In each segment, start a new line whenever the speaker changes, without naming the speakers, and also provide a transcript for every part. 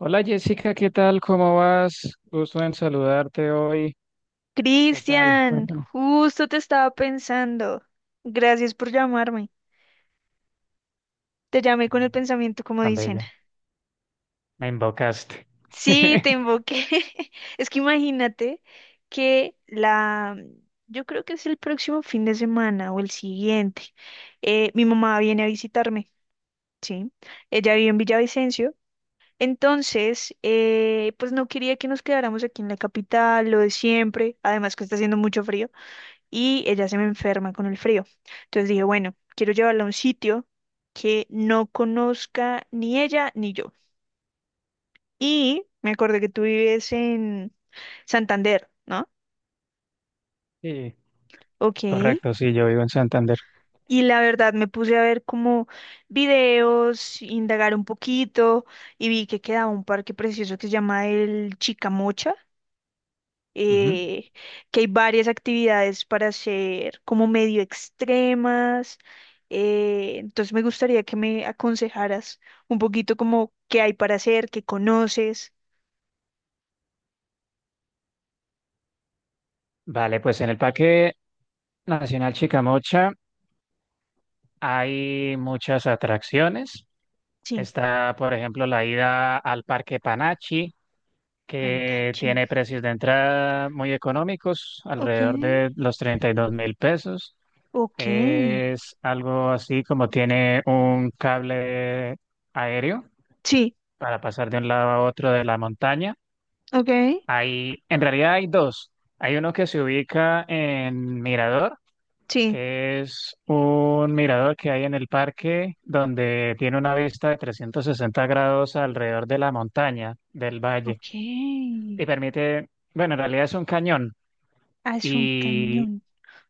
Hola Jessica, ¿qué tal? ¿Cómo vas? Gusto en saludarte hoy. ¿Qué tal?
Cristian,
Cuéntame.
justo te estaba pensando. Gracias por llamarme. Te llamé con el pensamiento, como
Tan
dicen.
bella, me invocaste.
Sí, te invoqué. Es que imagínate que la, yo creo que es el próximo fin de semana o el siguiente. Mi mamá viene a visitarme, ¿sí? Ella vive en Villavicencio. Entonces, pues no quería que nos quedáramos aquí en la capital, lo de siempre, además que está haciendo mucho frío, y ella se me enferma con el frío. Entonces dije, bueno, quiero llevarla a un sitio que no conozca ni ella ni yo. Y me acordé que tú vives en Santander, ¿no?
Sí,
Ok.
correcto, sí, yo vivo en Santander.
Y la verdad me puse a ver como videos, indagar un poquito y vi que quedaba un parque precioso que se llama el Chicamocha,
Ujú.
eh, que hay varias actividades para hacer como medio extremas. Entonces me gustaría que me aconsejaras un poquito como qué hay para hacer, qué conoces.
Vale, pues en el Parque Nacional Chicamocha hay muchas atracciones.
Sí,
Está, por ejemplo, la ida al Parque Panachi, que
Andachi.
tiene precios de entrada muy económicos,
Ok,
alrededor de los 32.000 pesos.
ok.
Es algo así como tiene un cable aéreo
Sí,
para pasar de un lado a otro de la montaña.
ok,
Hay, en realidad hay dos. Hay uno que se ubica en Mirador,
sí.
que es un mirador que hay en el parque donde tiene una vista de 360 grados alrededor de la montaña, del valle,
Ok.
y permite, bueno, en realidad es un cañón.
Ah, es un
Y
cañón.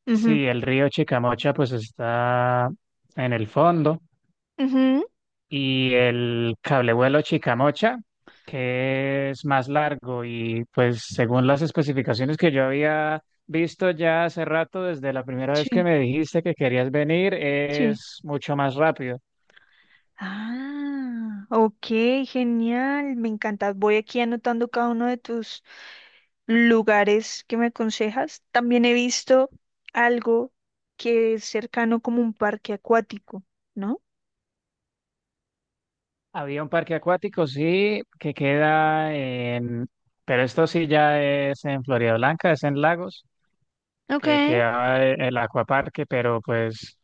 Ujú,
sí, el río Chicamocha pues está en el fondo,
ujú,
y el cablevuelo Chicamocha, que es más largo y pues según las especificaciones que yo había visto ya hace rato, desde la primera vez que
sí,
me dijiste que querías venir,
sí.
es mucho más rápido.
Ah, ok, genial, me encanta. Voy aquí anotando cada uno de tus lugares que me aconsejas. También he visto algo que es cercano como un parque acuático, ¿no?
Había un parque acuático, sí, que queda en, pero esto sí ya es en Florida Blanca, es en Lagos,
Ok.
que queda el acuaparque, pero pues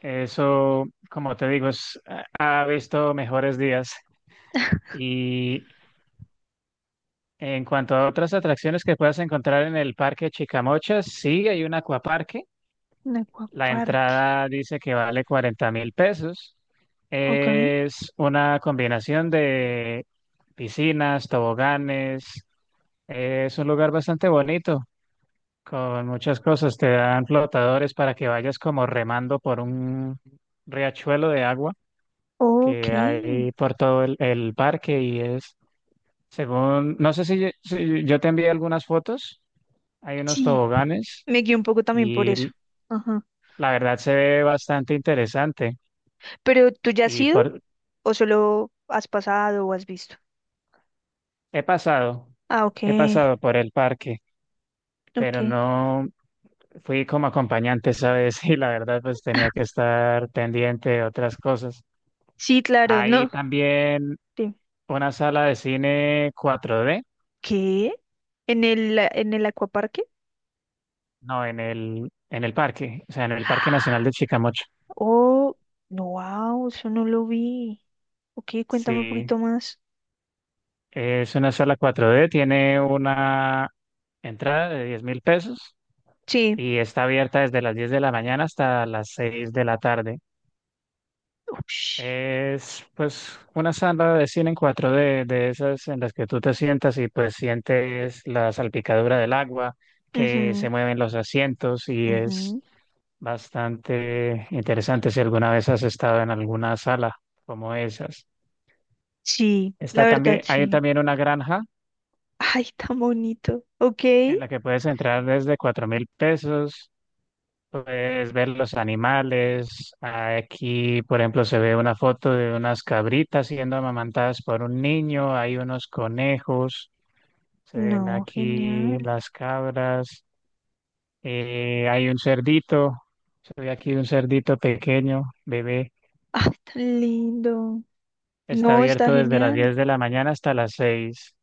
eso, como te digo, ha visto mejores días. Y en cuanto a otras atracciones que puedas encontrar en el Parque Chicamochas, sí, hay un acuaparque.
Un
La
acuaparque.
entrada dice que vale 40 mil pesos.
Ok.
Es una combinación de piscinas, toboganes. Es un lugar bastante bonito, con muchas cosas. Te dan flotadores para que vayas como remando por un riachuelo de agua
Ok.
que hay por todo el parque y es, según, no sé si yo te envié algunas fotos. Hay unos
Sí.
toboganes
Me guié un poco también por eso.
y
Ajá.
la verdad se ve bastante interesante.
¿Pero tú ya has
Y
ido
por,
o solo has pasado o has visto?
he pasado,
Ah, ok.
he pasado por el parque,
Ok.
pero no fui como acompañante, ¿sabes? Y la verdad pues tenía
Ah,
que estar pendiente de otras cosas.
sí, claro,
Hay
no.
también
Dime.
una sala de cine 4D.
¿Qué? ¿En en el acuaparque?
No, en el parque, o sea, en el Parque Nacional de Chicamocha.
Oh, no, wow, eso no lo vi. Ok, cuéntame un
Sí,
poquito más.
es una sala 4D. Tiene una entrada de 10.000 pesos
Sí.
y está abierta desde las 10 de la mañana hasta las 6 de la tarde.
Ush.
Es pues una sala de cine en 4D de esas en las que tú te sientas y pues sientes la salpicadura del agua, que se
Ujú,
mueven los asientos y es
ujú.
bastante interesante si alguna vez has estado en alguna sala como esas.
Sí, la
Está
verdad,
también, hay
sí.
también una granja
Ay, tan bonito. Ok.
en la que puedes entrar desde 4.000 pesos. Puedes ver los animales. Aquí, por ejemplo, se ve una foto de unas cabritas siendo amamantadas por un niño. Hay unos conejos. Se ven
No, genial.
aquí las cabras. Hay un cerdito. Se ve aquí un cerdito pequeño, bebé.
Ay, tan lindo.
Está
No,
abierto
está
desde las
genial.
10 de la mañana hasta las seis.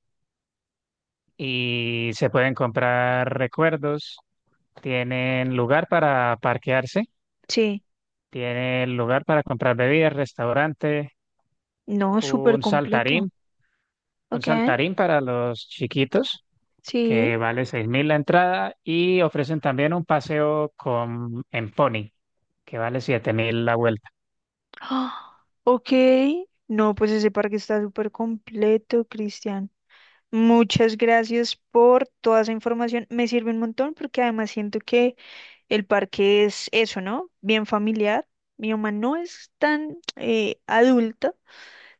Y se pueden comprar recuerdos. Tienen lugar para parquearse.
Sí.
Tienen lugar para comprar bebidas, restaurante.
No, súper
Un
completo.
saltarín, un
Ok.
saltarín para los chiquitos,
Sí.
que vale 6.000 la entrada, y ofrecen también un paseo con, en pony, que vale 7.000 la vuelta.
Ah, ok. No, pues ese parque está súper completo, Cristian. Muchas gracias por toda esa información. Me sirve un montón porque además siento que el parque es eso, ¿no? Bien familiar. Mi mamá no es tan adulta,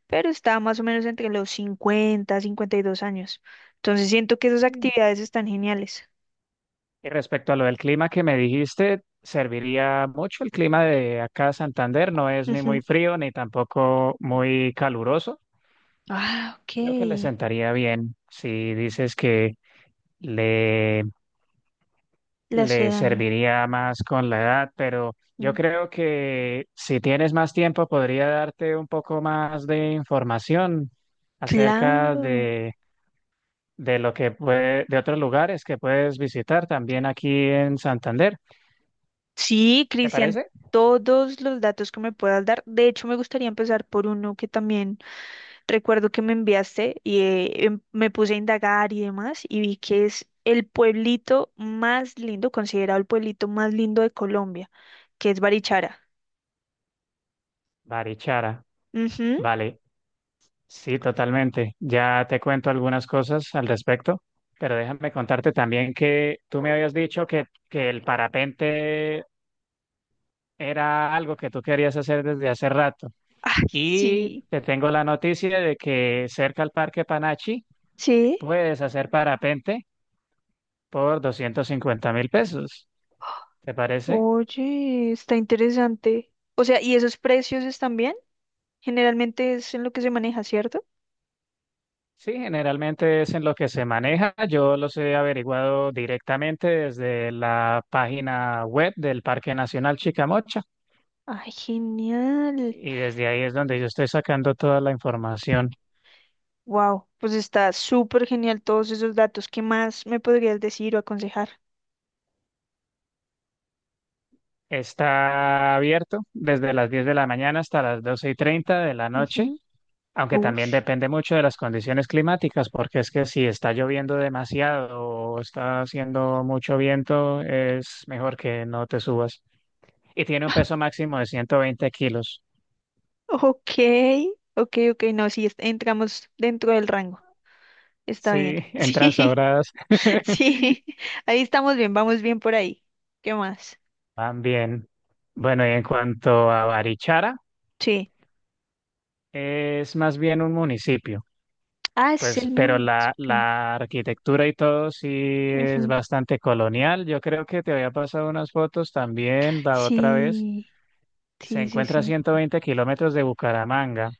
pero está más o menos entre los 50, 52 años. Entonces siento que esas actividades están geniales.
Y respecto a lo del clima que me dijiste, serviría mucho. El clima de acá Santander no es ni
Ujú.
muy frío ni tampoco muy caluroso.
Ah, ok.
Creo que le sentaría bien si dices que le
Le hace
le
daño.
serviría más con la edad, pero yo
Mm,
creo que si tienes más tiempo podría darte un poco más de información acerca
claro.
de lo que puede, de otros lugares que puedes visitar también aquí en Santander.
Sí,
¿Te
Cristian,
parece?
todos los datos que me puedas dar. De hecho, me gustaría empezar por uno que también recuerdo que me enviaste, y me puse a indagar y demás y vi que es el pueblito más lindo, considerado el pueblito más lindo de Colombia, que es Barichara.
Barichara.
Ujú.
Vale, sí, totalmente. Ya te cuento algunas cosas al respecto. Pero déjame contarte también que tú me habías dicho que el parapente era algo que tú querías hacer desde hace rato.
Ay,
Y
sí,
te tengo la noticia de que cerca al Parque Panachi
sí.
puedes hacer parapente por 250.000 pesos. ¿Te parece?
Oye, está interesante. O sea, ¿y esos precios están bien? Generalmente es en lo que se maneja, ¿cierto?
Sí, generalmente es en lo que se maneja. Yo los he averiguado directamente desde la página web del Parque Nacional Chicamocha
Ay, genial.
y desde ahí es donde yo estoy sacando toda la información.
Wow, pues está súper genial todos esos datos. ¿Qué más me podrías decir o aconsejar?
Está abierto desde las 10 de la mañana hasta las 12:30 de la noche.
Ujú.
Aunque también
Ush.
depende mucho de las condiciones climáticas, porque es que si está lloviendo demasiado o está haciendo mucho viento, es mejor que no te subas. Y tiene un peso máximo de 120 kilos.
Ok, ok, ok, no, sí, entramos dentro del rango, está bien.
Sí, entran
Sí,
sobradas.
sí, ahí estamos bien, vamos bien por ahí. ¿Qué más?
Van bien. Bueno, y en cuanto a Barichara,
Sí.
es más bien un municipio,
Ah, es
pues,
el
pero la,
municipio.
la arquitectura y todo sí es
Ujú.
bastante colonial. Yo creo que te había pasado unas fotos también la otra vez.
Sí,
Se
sí, sí,
encuentra a
sí.
120 kilómetros de Bucaramanga.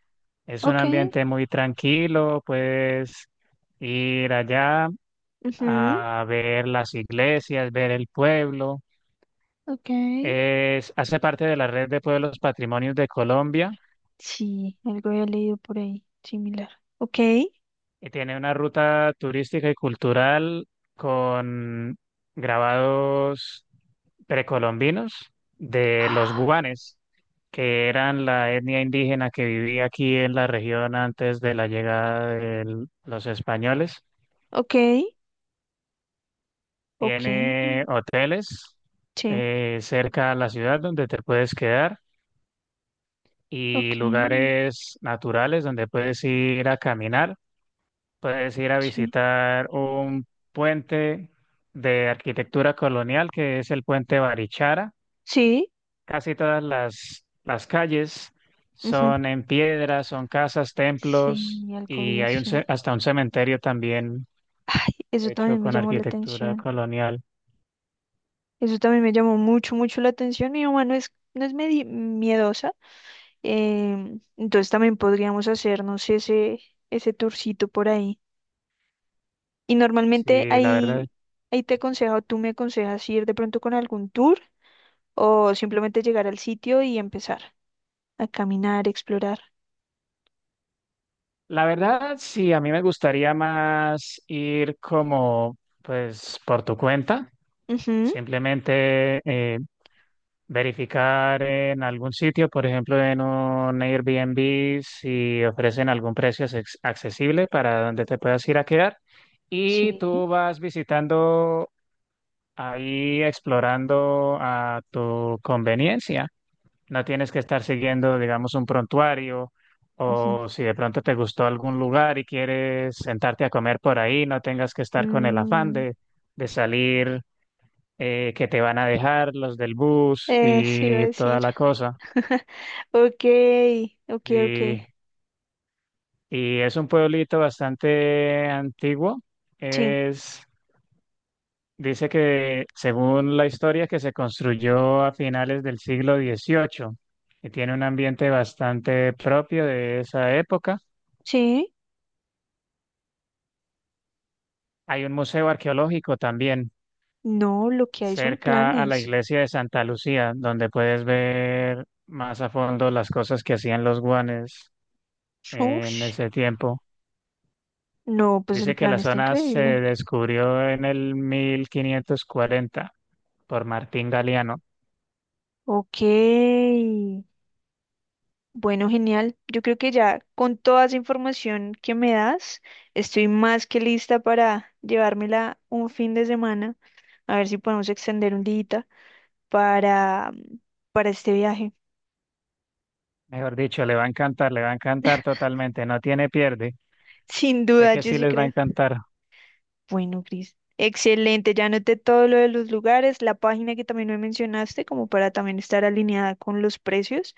Es un
Ok,
ambiente muy tranquilo, puedes ir allá
ujú,
a ver las iglesias, ver el pueblo.
ok.
Hace parte de la red de pueblos patrimonios de Colombia
Sí, algo había leído por ahí, similar. Ok,
y tiene una ruta turística y cultural con grabados precolombinos de los
ah,
guanes, que eran la etnia indígena que vivía aquí en la región antes de la llegada de los españoles.
ok, ok,
Tiene hoteles
sí,
cerca a la ciudad donde te puedes quedar y
ok,
lugares naturales donde puedes ir a caminar. Puedes ir a
sí,
visitar un puente de arquitectura colonial que es el puente Barichara.
sí,
Casi todas las calles
ujú.
son en piedra, son casas, templos
Sí, algo
y
vi
hay
así.
hasta un cementerio también
Ay, eso
hecho
también me
con
llamó la
arquitectura
atención.
colonial.
Eso también me llamó mucho la atención. Mi mamá no es miedosa. Entonces también podríamos hacernos ese tourcito por ahí. Y normalmente
Sí, la verdad.
ahí te aconsejo, tú me aconsejas ir de pronto con algún tour o simplemente llegar al sitio y empezar a caminar, explorar.
La verdad, sí, a mí me gustaría más ir como, pues, por tu cuenta,
Ujú,
simplemente verificar en algún sitio, por ejemplo, en un Airbnb, si ofrecen algún precio accesible para donde te puedas ir a quedar. Y
sí.
tú vas visitando ahí, explorando a tu conveniencia. No tienes que estar siguiendo, digamos, un prontuario
Ujú.
o si de pronto te gustó algún lugar y quieres sentarte a comer por ahí, no tengas que estar con el afán
Mm,
de salir, que te van a dejar los del bus
sí, iba a
y toda
decir.
la cosa.
Ok, ok, ok.
Y, y es un pueblito bastante antiguo.
Sí,
Es, Dice que según la historia que se construyó a finales del siglo XVIII y tiene un ambiente bastante propio de esa época.
sí.
Hay un museo arqueológico también
No, lo que hay son
cerca a la
planes.
iglesia de Santa Lucía, donde puedes ver más a fondo las cosas que hacían los guanes en
Ush.
ese tiempo.
No, pues el
Dice que
plan
la
está
zona se
increíble.
descubrió en el 1540 por Martín Galeano.
Ok. Bueno, genial. Yo creo que ya con toda esa información que me das, estoy más que lista para llevármela un fin de semana. A ver si podemos extender un día para, para este viaje.
Mejor dicho, le va a encantar, le va a encantar totalmente. No tiene pierde.
Sin
Sé
duda,
que
yo
sí
sí
les va a
creo.
encantar.
Bueno, Cris. Excelente, ya anoté todo lo de los lugares, la página que también me mencionaste, como para también estar alineada con los precios,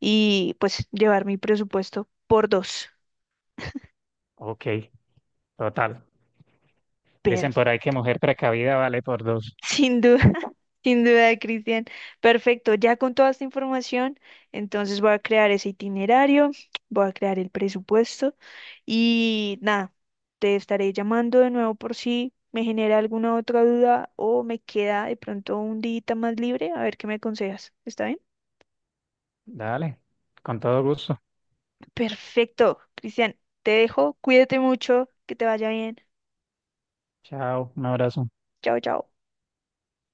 y pues llevar mi presupuesto por dos.
Ok, total.
Pero
Dicen por ahí que mujer precavida vale por dos.
sin duda, sin duda, Cristian. Perfecto, ya con toda esta información, entonces voy a crear ese itinerario, voy a crear el presupuesto y nada, te estaré llamando de nuevo por si me genera alguna otra duda o me queda de pronto un día más libre, a ver qué me aconsejas. ¿Está bien?
Dale, con todo gusto.
Perfecto, Cristian, te dejo, cuídate mucho, que te vaya bien.
Chao, un abrazo.
Chao, chao.